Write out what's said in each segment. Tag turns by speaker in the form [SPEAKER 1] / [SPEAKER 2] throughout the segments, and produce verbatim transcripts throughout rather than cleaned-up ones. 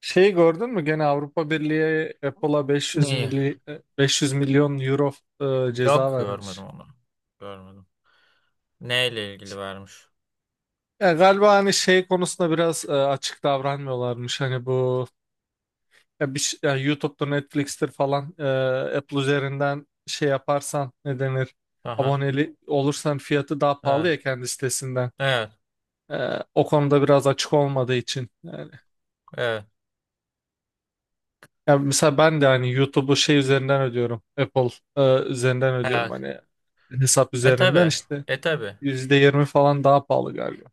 [SPEAKER 1] Şeyi gördün mü? Gene Avrupa Birliği Apple'a beş yüz
[SPEAKER 2] Neyi?
[SPEAKER 1] mili, beş yüz milyon euro e, ceza
[SPEAKER 2] Yok görmedim
[SPEAKER 1] vermiş.
[SPEAKER 2] onu. Görmedim. Neyle ilgili vermiş?
[SPEAKER 1] Ya galiba hani şey konusunda biraz e, açık davranmıyorlarmış. Hani bu ya bir, ş- ya YouTube'dur, Netflix'tir falan e, Apple üzerinden şey yaparsan ne denir?
[SPEAKER 2] Aha.
[SPEAKER 1] Aboneli olursan fiyatı daha pahalı
[SPEAKER 2] Evet.
[SPEAKER 1] ya kendi sitesinden.
[SPEAKER 2] Evet.
[SPEAKER 1] E, O konuda biraz açık olmadığı için. Yani
[SPEAKER 2] Evet.
[SPEAKER 1] ya mesela ben de hani YouTube'u şey üzerinden ödüyorum. Apple e, üzerinden ödüyorum,
[SPEAKER 2] Evet.
[SPEAKER 1] hani hesap
[SPEAKER 2] E tabi.
[SPEAKER 1] üzerinden işte
[SPEAKER 2] E tabi.
[SPEAKER 1] yüzde yirmi falan daha pahalı galiba.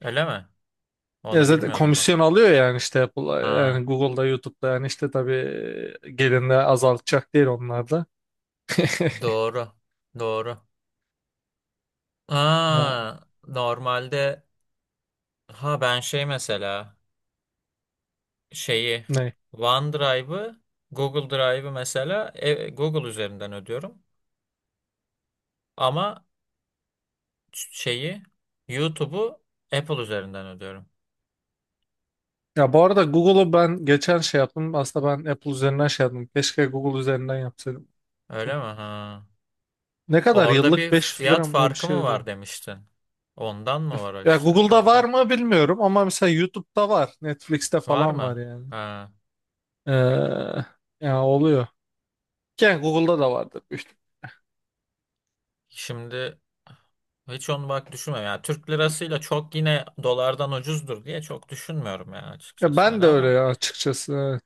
[SPEAKER 2] Öyle mi?
[SPEAKER 1] Ya
[SPEAKER 2] Onu
[SPEAKER 1] zaten
[SPEAKER 2] bilmiyordum bak.
[SPEAKER 1] komisyon alıyor yani işte Apple,
[SPEAKER 2] Aa,
[SPEAKER 1] yani Google'da, YouTube'da yani işte tabii gelinde azaltacak değil onlar da.
[SPEAKER 2] doğru. Doğru.
[SPEAKER 1] Ya
[SPEAKER 2] Aa, normalde ha ben şey mesela şeyi
[SPEAKER 1] ne?
[SPEAKER 2] OneDrive'ı Google Drive'ı mesela e, Google üzerinden ödüyorum. Ama şeyi YouTube'u Apple üzerinden ödüyorum.
[SPEAKER 1] Ya bu arada Google'u ben geçen şey yaptım. Aslında ben Apple üzerinden şey yaptım. Keşke Google üzerinden yapsaydım.
[SPEAKER 2] Öyle mi? Ha.
[SPEAKER 1] Ne kadar
[SPEAKER 2] Orada
[SPEAKER 1] yıllık
[SPEAKER 2] bir
[SPEAKER 1] beş yüz lira
[SPEAKER 2] fiyat
[SPEAKER 1] mı ne bir
[SPEAKER 2] farkı
[SPEAKER 1] şey
[SPEAKER 2] mı var
[SPEAKER 1] ödedim.
[SPEAKER 2] demiştin? Ondan mı var
[SPEAKER 1] Ya
[SPEAKER 2] işte?
[SPEAKER 1] Google'da var
[SPEAKER 2] Ondan.
[SPEAKER 1] mı bilmiyorum ama mesela YouTube'da var. Netflix'te
[SPEAKER 2] Var
[SPEAKER 1] falan var
[SPEAKER 2] mı?
[SPEAKER 1] yani.
[SPEAKER 2] Ha.
[SPEAKER 1] Ee, ya oluyor. Yani Google'da da vardır, büyük ihtimal.
[SPEAKER 2] Şimdi hiç onu bak düşünmüyorum. Yani Türk lirasıyla çok yine dolardan ucuzdur diye çok düşünmüyorum yani
[SPEAKER 1] Ya
[SPEAKER 2] açıkçası
[SPEAKER 1] ben
[SPEAKER 2] hani
[SPEAKER 1] de öyle
[SPEAKER 2] ama
[SPEAKER 1] ya, açıkçası. Evet.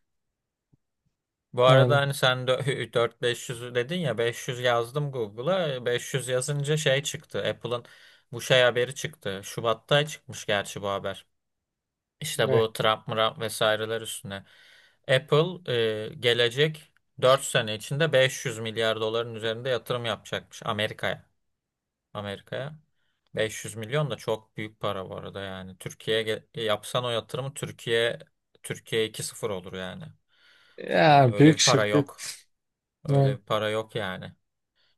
[SPEAKER 2] bu arada
[SPEAKER 1] Yani
[SPEAKER 2] hani sen dört beş yüz dedin ya beş yüz yazdım Google'a beş yüz yazınca şey çıktı Apple'ın bu şey haberi çıktı. Şubat'ta çıkmış gerçi bu haber. İşte
[SPEAKER 1] ne?
[SPEAKER 2] bu Trump, Murap vesaireler üstüne. Apple e, gelecek dört sene içinde beş yüz milyar doların üzerinde yatırım yapacakmış Amerika'ya. Amerika'ya. beş yüz milyon da çok büyük para bu arada yani. Türkiye'ye ge- yapsan o yatırımı Türkiye Türkiye iki sıfır olur yani. Ee,
[SPEAKER 1] Ya
[SPEAKER 2] Öyle
[SPEAKER 1] büyük
[SPEAKER 2] bir para
[SPEAKER 1] şirket.
[SPEAKER 2] yok. Öyle
[SPEAKER 1] Evet.
[SPEAKER 2] bir para yok yani.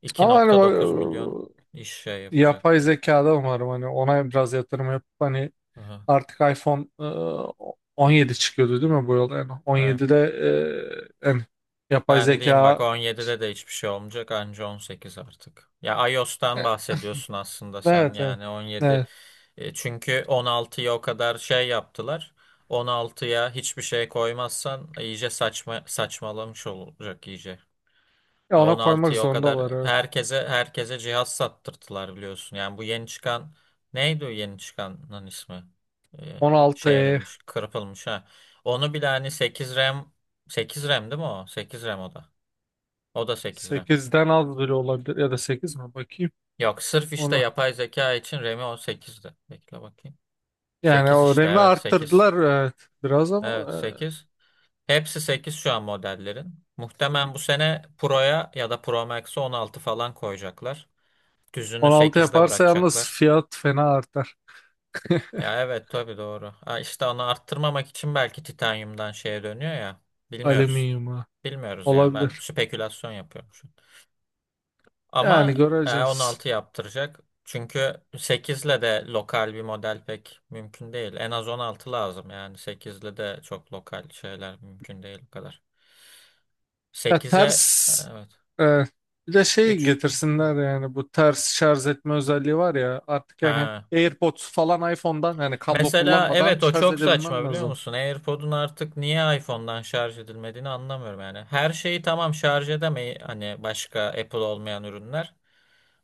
[SPEAKER 2] iki
[SPEAKER 1] Ama hani
[SPEAKER 2] nokta
[SPEAKER 1] bak,
[SPEAKER 2] dokuz milyon iş şey
[SPEAKER 1] e,
[SPEAKER 2] yapacak
[SPEAKER 1] yapay
[SPEAKER 2] falan.
[SPEAKER 1] zekada umarım hani ona biraz yatırım yapıp hani
[SPEAKER 2] Aha.
[SPEAKER 1] artık iPhone e, on yedi çıkıyordu değil mi bu yıl? Yani
[SPEAKER 2] Evet.
[SPEAKER 1] on yedide e, yani yapay
[SPEAKER 2] Ben diyeyim bak
[SPEAKER 1] zeka.
[SPEAKER 2] on yedide de hiçbir şey olmayacak anca on sekiz artık. Ya iOS'tan bahsediyorsun aslında sen
[SPEAKER 1] Evet, evet.
[SPEAKER 2] yani on yedi.
[SPEAKER 1] Evet.
[SPEAKER 2] E, Çünkü on altıya o kadar şey yaptılar. On altıya hiçbir şey koymazsan iyice saçma saçmalamış olacak iyice.
[SPEAKER 1] Ya
[SPEAKER 2] Ya on
[SPEAKER 1] ona koymak
[SPEAKER 2] altıya o kadar
[SPEAKER 1] zorundalar. Evet.
[SPEAKER 2] herkese herkese cihaz sattırttılar biliyorsun. Yani bu yeni çıkan neydi o yeni çıkanın ismi? E,
[SPEAKER 1] on altı
[SPEAKER 2] şey
[SPEAKER 1] e,
[SPEAKER 2] edilmiş, kırpılmış ha. Onu bile hani sekiz RAM sekiz RAM değil mi o? Sekiz RAM o da. O da sekiz RAM.
[SPEAKER 1] sekizden az bile olabilir ya da sekiz mi, bakayım
[SPEAKER 2] Yok sırf işte
[SPEAKER 1] ona.
[SPEAKER 2] yapay zeka için R A M'i on sekizdi. Bekle bakayım.
[SPEAKER 1] Yani
[SPEAKER 2] Sekiz
[SPEAKER 1] o
[SPEAKER 2] işte
[SPEAKER 1] R A M'i
[SPEAKER 2] evet sekiz.
[SPEAKER 1] arttırdılar evet, biraz ama
[SPEAKER 2] Evet
[SPEAKER 1] e,
[SPEAKER 2] sekiz. Hepsi sekiz şu an modellerin. Muhtemelen bu sene Pro'ya ya da Pro Max'e on altı falan koyacaklar. Düzünü
[SPEAKER 1] on altı
[SPEAKER 2] sekizde
[SPEAKER 1] yaparsa yalnız
[SPEAKER 2] bırakacaklar.
[SPEAKER 1] fiyat fena artar.
[SPEAKER 2] Ya evet tabii doğru. Ha, işte onu arttırmamak için belki titanyumdan şeye dönüyor ya. Bilmiyoruz.
[SPEAKER 1] Alüminyuma
[SPEAKER 2] Bilmiyoruz yani. Ben
[SPEAKER 1] olabilir.
[SPEAKER 2] spekülasyon yapıyorum şu an.
[SPEAKER 1] Yani
[SPEAKER 2] Ama e on
[SPEAKER 1] göreceğiz.
[SPEAKER 2] altı yaptıracak. Çünkü sekizle de lokal bir model pek mümkün değil. En az on altı lazım yani. Sekizle de çok lokal şeyler mümkün değil bu kadar.
[SPEAKER 1] Ya
[SPEAKER 2] Sekize e,
[SPEAKER 1] ters,
[SPEAKER 2] evet
[SPEAKER 1] e, bir de şey
[SPEAKER 2] üç.
[SPEAKER 1] getirsinler yani bu ters şarj etme özelliği var ya artık, yani
[SPEAKER 2] Ha.
[SPEAKER 1] AirPods falan iPhone'dan yani kablo
[SPEAKER 2] Mesela
[SPEAKER 1] kullanmadan
[SPEAKER 2] evet o
[SPEAKER 1] şarj
[SPEAKER 2] çok saçma
[SPEAKER 1] edebilmem
[SPEAKER 2] biliyor
[SPEAKER 1] lazım.
[SPEAKER 2] musun? AirPod'un artık niye iPhone'dan şarj edilmediğini anlamıyorum yani. Her şeyi tamam şarj edemeyi hani başka Apple olmayan ürünler.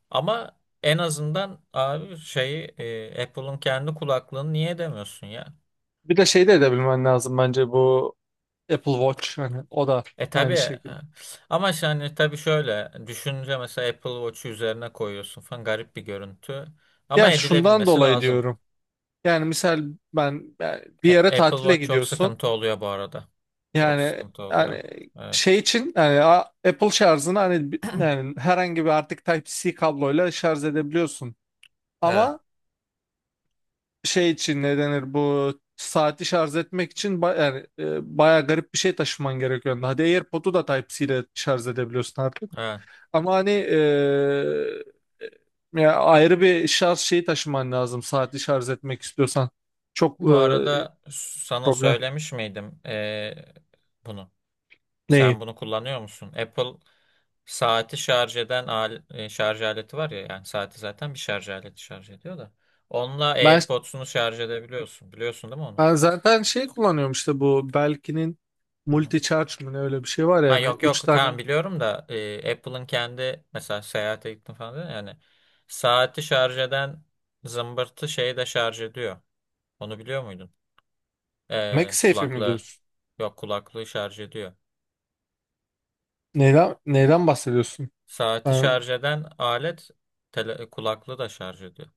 [SPEAKER 2] Ama en azından abi şeyi e, Apple'ın kendi kulaklığını niye demiyorsun ya?
[SPEAKER 1] Bir de şey de edebilmen lazım bence, bu Apple Watch hani o da
[SPEAKER 2] E tabii
[SPEAKER 1] aynı
[SPEAKER 2] e,
[SPEAKER 1] şekilde.
[SPEAKER 2] ama yani tabii şöyle düşünce mesela Apple Watch'u üzerine koyuyorsun falan garip bir görüntü. Ama
[SPEAKER 1] Ya şundan
[SPEAKER 2] edilebilmesi
[SPEAKER 1] dolayı
[SPEAKER 2] lazım.
[SPEAKER 1] diyorum. Yani misal ben, yani bir
[SPEAKER 2] E,
[SPEAKER 1] yere
[SPEAKER 2] Apple
[SPEAKER 1] tatile
[SPEAKER 2] Watch çok
[SPEAKER 1] gidiyorsun.
[SPEAKER 2] sıkıntı oluyor bu arada. Çok
[SPEAKER 1] Yani
[SPEAKER 2] sıkıntı oluyor.
[SPEAKER 1] yani
[SPEAKER 2] Evet.
[SPEAKER 1] şey için yani a- Apple şarjını hani bi- yani herhangi bir artık Type-C kabloyla şarj edebiliyorsun.
[SPEAKER 2] Evet.
[SPEAKER 1] Ama şey için ne denir, bu saati şarj etmek için ba yani e, bayağı garip bir şey taşıman gerekiyor. Hadi AirPod'u da Type-C ile şarj edebiliyorsun artık.
[SPEAKER 2] Evet.
[SPEAKER 1] Ama hani eee, ya ayrı bir şarj şeyi taşıman lazım saatli şarj etmek istiyorsan. Çok
[SPEAKER 2] Bu
[SPEAKER 1] eee,
[SPEAKER 2] arada sana
[SPEAKER 1] problem.
[SPEAKER 2] söylemiş miydim e, bunu?
[SPEAKER 1] Neyi?
[SPEAKER 2] Sen bunu kullanıyor musun? Apple saati şarj eden al- e, şarj aleti var ya yani saati zaten bir şarj aleti şarj ediyor da. Onunla
[SPEAKER 1] Ben,
[SPEAKER 2] AirPods'unu şarj edebiliyorsun. Biliyorsun değil mi onu?
[SPEAKER 1] ben zaten şey kullanıyorum işte, bu Belkin'in
[SPEAKER 2] Hı hı.
[SPEAKER 1] multi charge mı ne, öyle bir şey var
[SPEAKER 2] Ha
[SPEAKER 1] yani.
[SPEAKER 2] yok
[SPEAKER 1] Üç
[SPEAKER 2] yok tamam
[SPEAKER 1] tane.
[SPEAKER 2] biliyorum da e, Apple'ın kendi mesela seyahate gittim falan dedin ya, yani saati şarj eden zımbırtı şeyi de şarj ediyor. Onu biliyor muydun? Ee,
[SPEAKER 1] MagSafe'i mi
[SPEAKER 2] kulaklığı.
[SPEAKER 1] diyorsun?
[SPEAKER 2] Yok kulaklığı şarj ediyor.
[SPEAKER 1] Neyden, neyden bahsediyorsun?
[SPEAKER 2] Saati
[SPEAKER 1] Ben-
[SPEAKER 2] şarj eden alet tele, kulaklığı da şarj ediyor.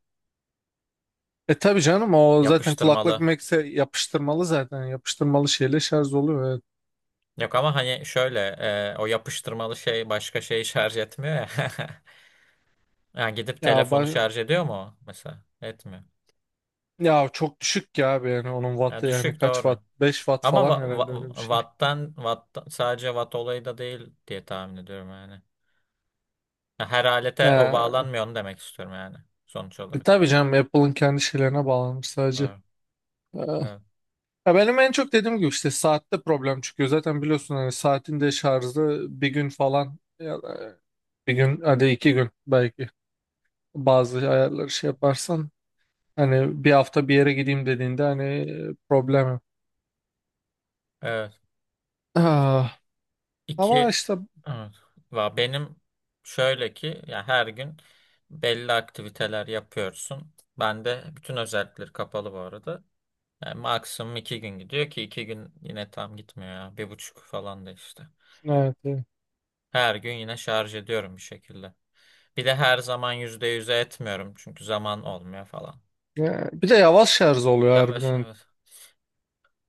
[SPEAKER 1] e tabii canım, o zaten kulaklık
[SPEAKER 2] Yapıştırmalı.
[SPEAKER 1] MagSafe yapıştırmalı zaten. Yapıştırmalı şeyle şarj oluyor. Evet.
[SPEAKER 2] Yok ama hani şöyle e, o yapıştırmalı şey başka şeyi şarj etmiyor ya. Yani gidip
[SPEAKER 1] Ya
[SPEAKER 2] telefonu
[SPEAKER 1] ben,
[SPEAKER 2] şarj ediyor mu o mesela? Etmiyor.
[SPEAKER 1] ya çok düşük ya abi, yani onun
[SPEAKER 2] Ya
[SPEAKER 1] wattı yani
[SPEAKER 2] düşük
[SPEAKER 1] kaç
[SPEAKER 2] doğru.
[SPEAKER 1] watt? Beş watt
[SPEAKER 2] Ama wa,
[SPEAKER 1] falan herhalde, öyle bir
[SPEAKER 2] wa-
[SPEAKER 1] şey.
[SPEAKER 2] watt'tan, watt'tan- sadece watt olayı da değil diye tahmin ediyorum yani. Her alete o
[SPEAKER 1] Ya
[SPEAKER 2] bağlanmıyor onu demek istiyorum yani sonuç
[SPEAKER 1] e,
[SPEAKER 2] olarak.
[SPEAKER 1] tabii canım, Apple'ın kendi şeylerine bağlanmış sadece.
[SPEAKER 2] Evet.
[SPEAKER 1] Ee,
[SPEAKER 2] Evet.
[SPEAKER 1] Ya benim en çok dediğim gibi işte saatte problem çıkıyor. Zaten biliyorsun hani saatin de şarjı bir gün falan ya da bir gün, hadi iki gün belki, bazı ayarları şey yaparsan, hani bir hafta bir yere gideyim dediğinde hani e, problem. Yok.
[SPEAKER 2] Evet.
[SPEAKER 1] Ah, ama
[SPEAKER 2] İki
[SPEAKER 1] işte
[SPEAKER 2] evet. Va- Benim şöyle ki ya her gün belli aktiviteler yapıyorsun. Ben de bütün özellikleri kapalı bu arada. Yani maksimum iki gün gidiyor ki iki gün yine tam gitmiyor ya. Bir buçuk falan da işte.
[SPEAKER 1] evet, evet.
[SPEAKER 2] Her gün yine şarj ediyorum bir şekilde. Bir de her zaman yüzde yüze etmiyorum çünkü zaman olmuyor falan.
[SPEAKER 1] Ya, bir de yavaş şarj oluyor
[SPEAKER 2] Yavaş
[SPEAKER 1] harbiden.
[SPEAKER 2] yavaş.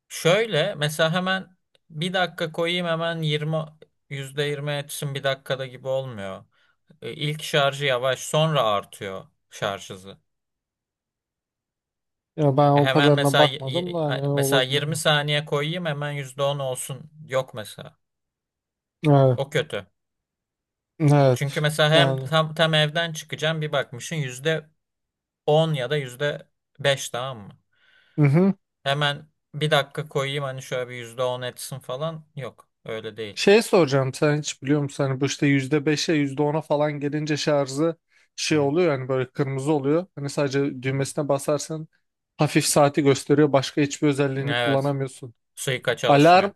[SPEAKER 2] Şöyle mesela hemen bir dakika koyayım hemen yirmi yüzde yirmi etsin bir dakikada gibi olmuyor. E, İlk şarjı yavaş sonra artıyor şarj hızı.
[SPEAKER 1] Ya ben
[SPEAKER 2] E,
[SPEAKER 1] o
[SPEAKER 2] Hemen
[SPEAKER 1] kadarına
[SPEAKER 2] mesela y-
[SPEAKER 1] bakmadım
[SPEAKER 2] y-
[SPEAKER 1] da hani
[SPEAKER 2] mesela
[SPEAKER 1] olabilir.
[SPEAKER 2] yirmi saniye koyayım hemen yüzde on olsun. Yok mesela.
[SPEAKER 1] Evet.
[SPEAKER 2] O kötü. Çünkü
[SPEAKER 1] Evet.
[SPEAKER 2] mesela hem
[SPEAKER 1] Yani.
[SPEAKER 2] tam, tam evden çıkacağım bir bakmışsın yüzde on ya da yüzde beş tamam mı?
[SPEAKER 1] Hı hı.
[SPEAKER 2] Hemen bir dakika koyayım hani şöyle bir yüzde on etsin falan. Yok öyle değil.
[SPEAKER 1] Şey soracağım, sen hiç biliyor musun hani bu işte yüzde beşe, yüzde ona falan gelince şarjı
[SPEAKER 2] Hı
[SPEAKER 1] şey
[SPEAKER 2] hı,
[SPEAKER 1] oluyor yani böyle kırmızı oluyor. Hani sadece
[SPEAKER 2] hı hı.
[SPEAKER 1] düğmesine basarsan hafif saati gösteriyor, başka hiçbir özelliğini
[SPEAKER 2] Evet,
[SPEAKER 1] kullanamıyorsun.
[SPEAKER 2] suika çalışmıyor.
[SPEAKER 1] Alarm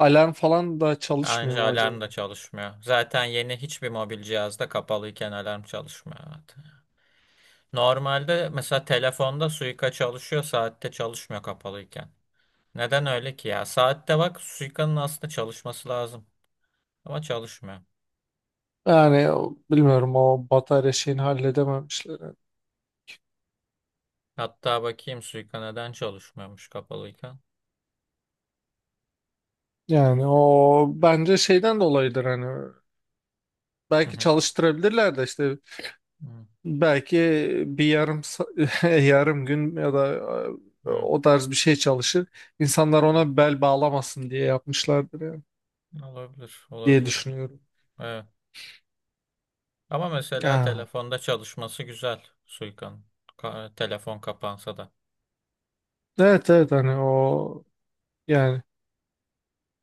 [SPEAKER 1] alarm falan da çalışmıyor
[SPEAKER 2] Ayrıca
[SPEAKER 1] mu acaba?
[SPEAKER 2] alarm da çalışmıyor. Zaten yeni hiçbir mobil cihazda kapalıyken alarm çalışmıyor zaten. Normalde mesela telefonda suika çalışıyor, saatte çalışmıyor kapalıyken. Neden öyle ki ya? Saatte bak suikanın aslında çalışması lazım. Ama çalışmıyor.
[SPEAKER 1] Yani o, bilmiyorum, o batarya şeyini halledememişler.
[SPEAKER 2] Hatta bakayım suika neden çalışmıyormuş kapalıyken.
[SPEAKER 1] Yani o bence şeyden dolayıdır hani,
[SPEAKER 2] Hı
[SPEAKER 1] belki
[SPEAKER 2] hı,
[SPEAKER 1] çalıştırabilirler de işte.
[SPEAKER 2] hı
[SPEAKER 1] Belki bir yarım sa- yarım gün ya da e,
[SPEAKER 2] hı,
[SPEAKER 1] o tarz bir şey çalışır. İnsanlar
[SPEAKER 2] hı.
[SPEAKER 1] ona bel bağlamasın diye yapmışlardır yani
[SPEAKER 2] Olabilir,
[SPEAKER 1] diye
[SPEAKER 2] olabilir.
[SPEAKER 1] düşünüyorum.
[SPEAKER 2] Evet. Ama mesela
[SPEAKER 1] Ha.
[SPEAKER 2] telefonda çalışması güzel Suika'nın. Ka- telefon kapansa da.
[SPEAKER 1] Evet evet hani o, yani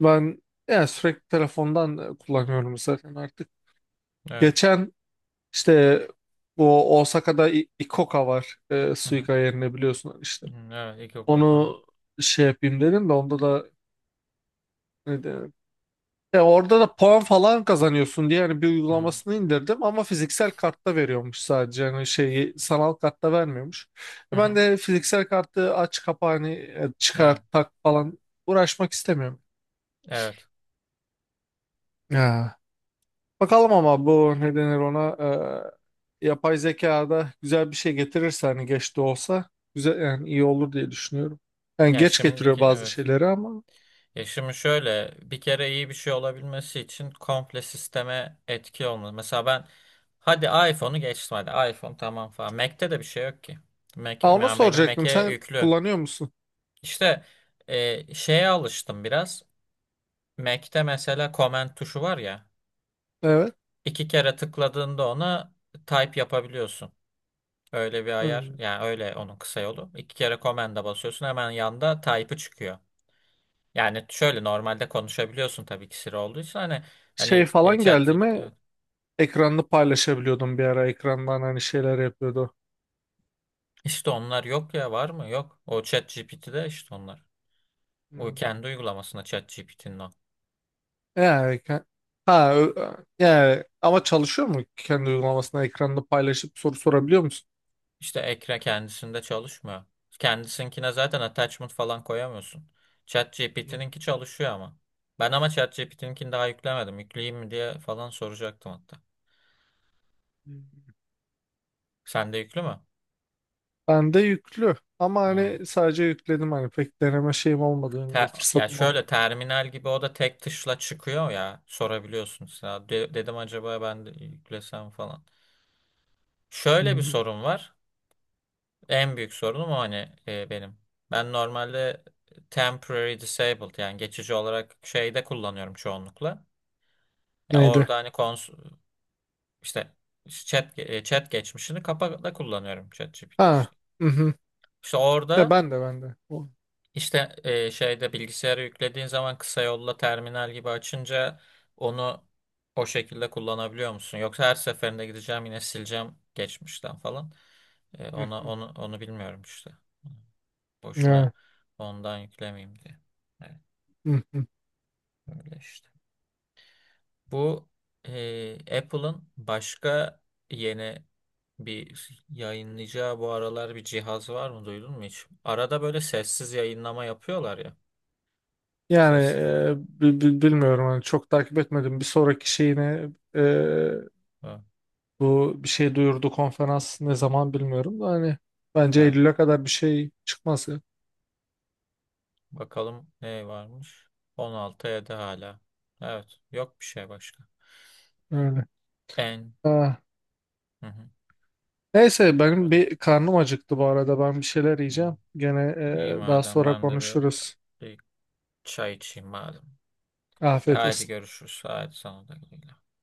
[SPEAKER 1] ben yani sürekli telefondan kullanıyorum zaten artık.
[SPEAKER 2] Evet.
[SPEAKER 1] Geçen işte bu Osaka'da İ- Ikoka var e,
[SPEAKER 2] Hı hı.
[SPEAKER 1] Suica yerine, biliyorsun işte.
[SPEAKER 2] Hı, evet, iki oku. Hı hı.
[SPEAKER 1] Onu şey yapayım dedim de onda da ya orada da puan falan kazanıyorsun diye hani bir
[SPEAKER 2] Hı
[SPEAKER 1] uygulamasını indirdim ama fiziksel kartta veriyormuş sadece, hani şeyi sanal kartta vermiyormuş.
[SPEAKER 2] hı.
[SPEAKER 1] E ben
[SPEAKER 2] Hı.
[SPEAKER 1] de fiziksel kartı aç kapa hani e, çıkar
[SPEAKER 2] Evet.
[SPEAKER 1] tak falan uğraşmak istemiyorum.
[SPEAKER 2] Evet.
[SPEAKER 1] Ya. Bakalım ama bu ne denir ona, e, yapay zekada güzel bir şey getirirse hani geç de olsa, güzel yani, iyi olur diye düşünüyorum. Yani
[SPEAKER 2] Ya
[SPEAKER 1] geç getiriyor
[SPEAKER 2] şimdiki
[SPEAKER 1] bazı
[SPEAKER 2] evet.
[SPEAKER 1] şeyleri ama.
[SPEAKER 2] Ya şimdi şöyle bir kere iyi bir şey olabilmesi için komple sisteme etki olmalı. Mesela ben hadi iPhone'u geçtim hadi iPhone tamam falan. Mac'te de bir şey yok ki. Mac,
[SPEAKER 1] Ha, onu
[SPEAKER 2] yani benim
[SPEAKER 1] soracaktım,
[SPEAKER 2] Mac'e
[SPEAKER 1] sen
[SPEAKER 2] yüklü.
[SPEAKER 1] kullanıyor musun?
[SPEAKER 2] İşte e, şeye alıştım biraz. Mac'te mesela comment tuşu var ya.
[SPEAKER 1] Evet.
[SPEAKER 2] İki kere tıkladığında ona type yapabiliyorsun. Öyle bir ayar.
[SPEAKER 1] Hmm.
[SPEAKER 2] Yani öyle onun kısa yolu. İki kere command'a basıyorsun hemen yanda type'ı çıkıyor. Yani şöyle normalde konuşabiliyorsun tabii ki Siri olduysa hani
[SPEAKER 1] Şey
[SPEAKER 2] hani e,
[SPEAKER 1] falan geldi
[SPEAKER 2] ChatGPT
[SPEAKER 1] mi?
[SPEAKER 2] evet.
[SPEAKER 1] Ekranını paylaşabiliyordum bir ara. Ekrandan hani şeyler yapıyordu.
[SPEAKER 2] işte onlar yok ya, var mı? Yok. O ChatGPT'de işte onlar. O
[SPEAKER 1] Hmm.
[SPEAKER 2] kendi uygulamasında ChatGPT'nin o.
[SPEAKER 1] Yani, ke- ha, ö- yani ama çalışıyor mu, kendi uygulamasına ekranını paylaşıp soru sorabiliyor musun?
[SPEAKER 2] İşte ekran kendisinde çalışmıyor. Kendisinkine zaten attachment falan koyamıyorsun.
[SPEAKER 1] Hmm.
[SPEAKER 2] ChatGPT'ninki çalışıyor ama. Ben ama ChatGPT'ninkini daha yüklemedim. Yükleyeyim mi diye falan soracaktım hatta. Sende yüklü mü?
[SPEAKER 1] Ben de yüklü ama
[SPEAKER 2] Ha.
[SPEAKER 1] hani sadece yükledim, hani pek deneme şeyim olmadı yani, de
[SPEAKER 2] Te- ya
[SPEAKER 1] fırsatım
[SPEAKER 2] şöyle
[SPEAKER 1] olmadı.
[SPEAKER 2] terminal gibi o da tek tuşla çıkıyor ya. Sorabiliyorsun. Ya de- dedim acaba ben de yüklesem falan. Şöyle bir
[SPEAKER 1] Hmm.
[SPEAKER 2] sorun var. En büyük sorunum o hani e, benim. Ben normalde temporary disabled yani geçici olarak şeyde kullanıyorum çoğunlukla. Ya
[SPEAKER 1] Neydi?
[SPEAKER 2] orada hani kons işte chat e, chat geçmişini kapakla kullanıyorum ChatGPT
[SPEAKER 1] Ha.
[SPEAKER 2] işte.
[SPEAKER 1] Mhm.
[SPEAKER 2] İşte
[SPEAKER 1] Ya
[SPEAKER 2] orada
[SPEAKER 1] ben de, ben de. O,
[SPEAKER 2] işte e, şeyde bilgisayara yüklediğin zaman kısa yolla terminal gibi açınca onu o şekilde kullanabiliyor musun? Yoksa her seferinde gideceğim yine sileceğim geçmişten falan. E, ona
[SPEAKER 1] mhm.
[SPEAKER 2] onu onu bilmiyorum işte. Boşuna
[SPEAKER 1] Ya,
[SPEAKER 2] ondan yüklemeyeyim diye. Evet,
[SPEAKER 1] mhm.
[SPEAKER 2] öyle işte. Bu e, Apple'ın başka yeni bir yayınlayacağı bu aralar bir cihaz var mı duydun mu hiç? Arada böyle sessiz yayınlama yapıyorlar ya.
[SPEAKER 1] Yani
[SPEAKER 2] Sessiz olarak.
[SPEAKER 1] e, bi- bi- bilmiyorum hani, çok takip etmedim. Bir sonraki şeyine e,
[SPEAKER 2] Ha,
[SPEAKER 1] bu bir şey duyurdu, konferans ne zaman bilmiyorum da hani bence
[SPEAKER 2] evet.
[SPEAKER 1] Eylül'e kadar bir şey çıkmaz ya.
[SPEAKER 2] Bakalım ne varmış? on altı ya da hala. Evet. Yok bir şey başka.
[SPEAKER 1] Öyle.
[SPEAKER 2] En.
[SPEAKER 1] Ha.
[SPEAKER 2] Hı hı.
[SPEAKER 1] Neyse benim
[SPEAKER 2] Öyle.
[SPEAKER 1] bir karnım acıktı bu arada, ben bir şeyler
[SPEAKER 2] Hı.
[SPEAKER 1] yiyeceğim. Gene
[SPEAKER 2] İyi
[SPEAKER 1] e, daha
[SPEAKER 2] madem
[SPEAKER 1] sonra
[SPEAKER 2] ben de bir,
[SPEAKER 1] konuşuruz.
[SPEAKER 2] bir çay içeyim madem. Ya
[SPEAKER 1] Afiyet
[SPEAKER 2] hadi
[SPEAKER 1] olsun.
[SPEAKER 2] görüşürüz. Hadi sana da güle güle.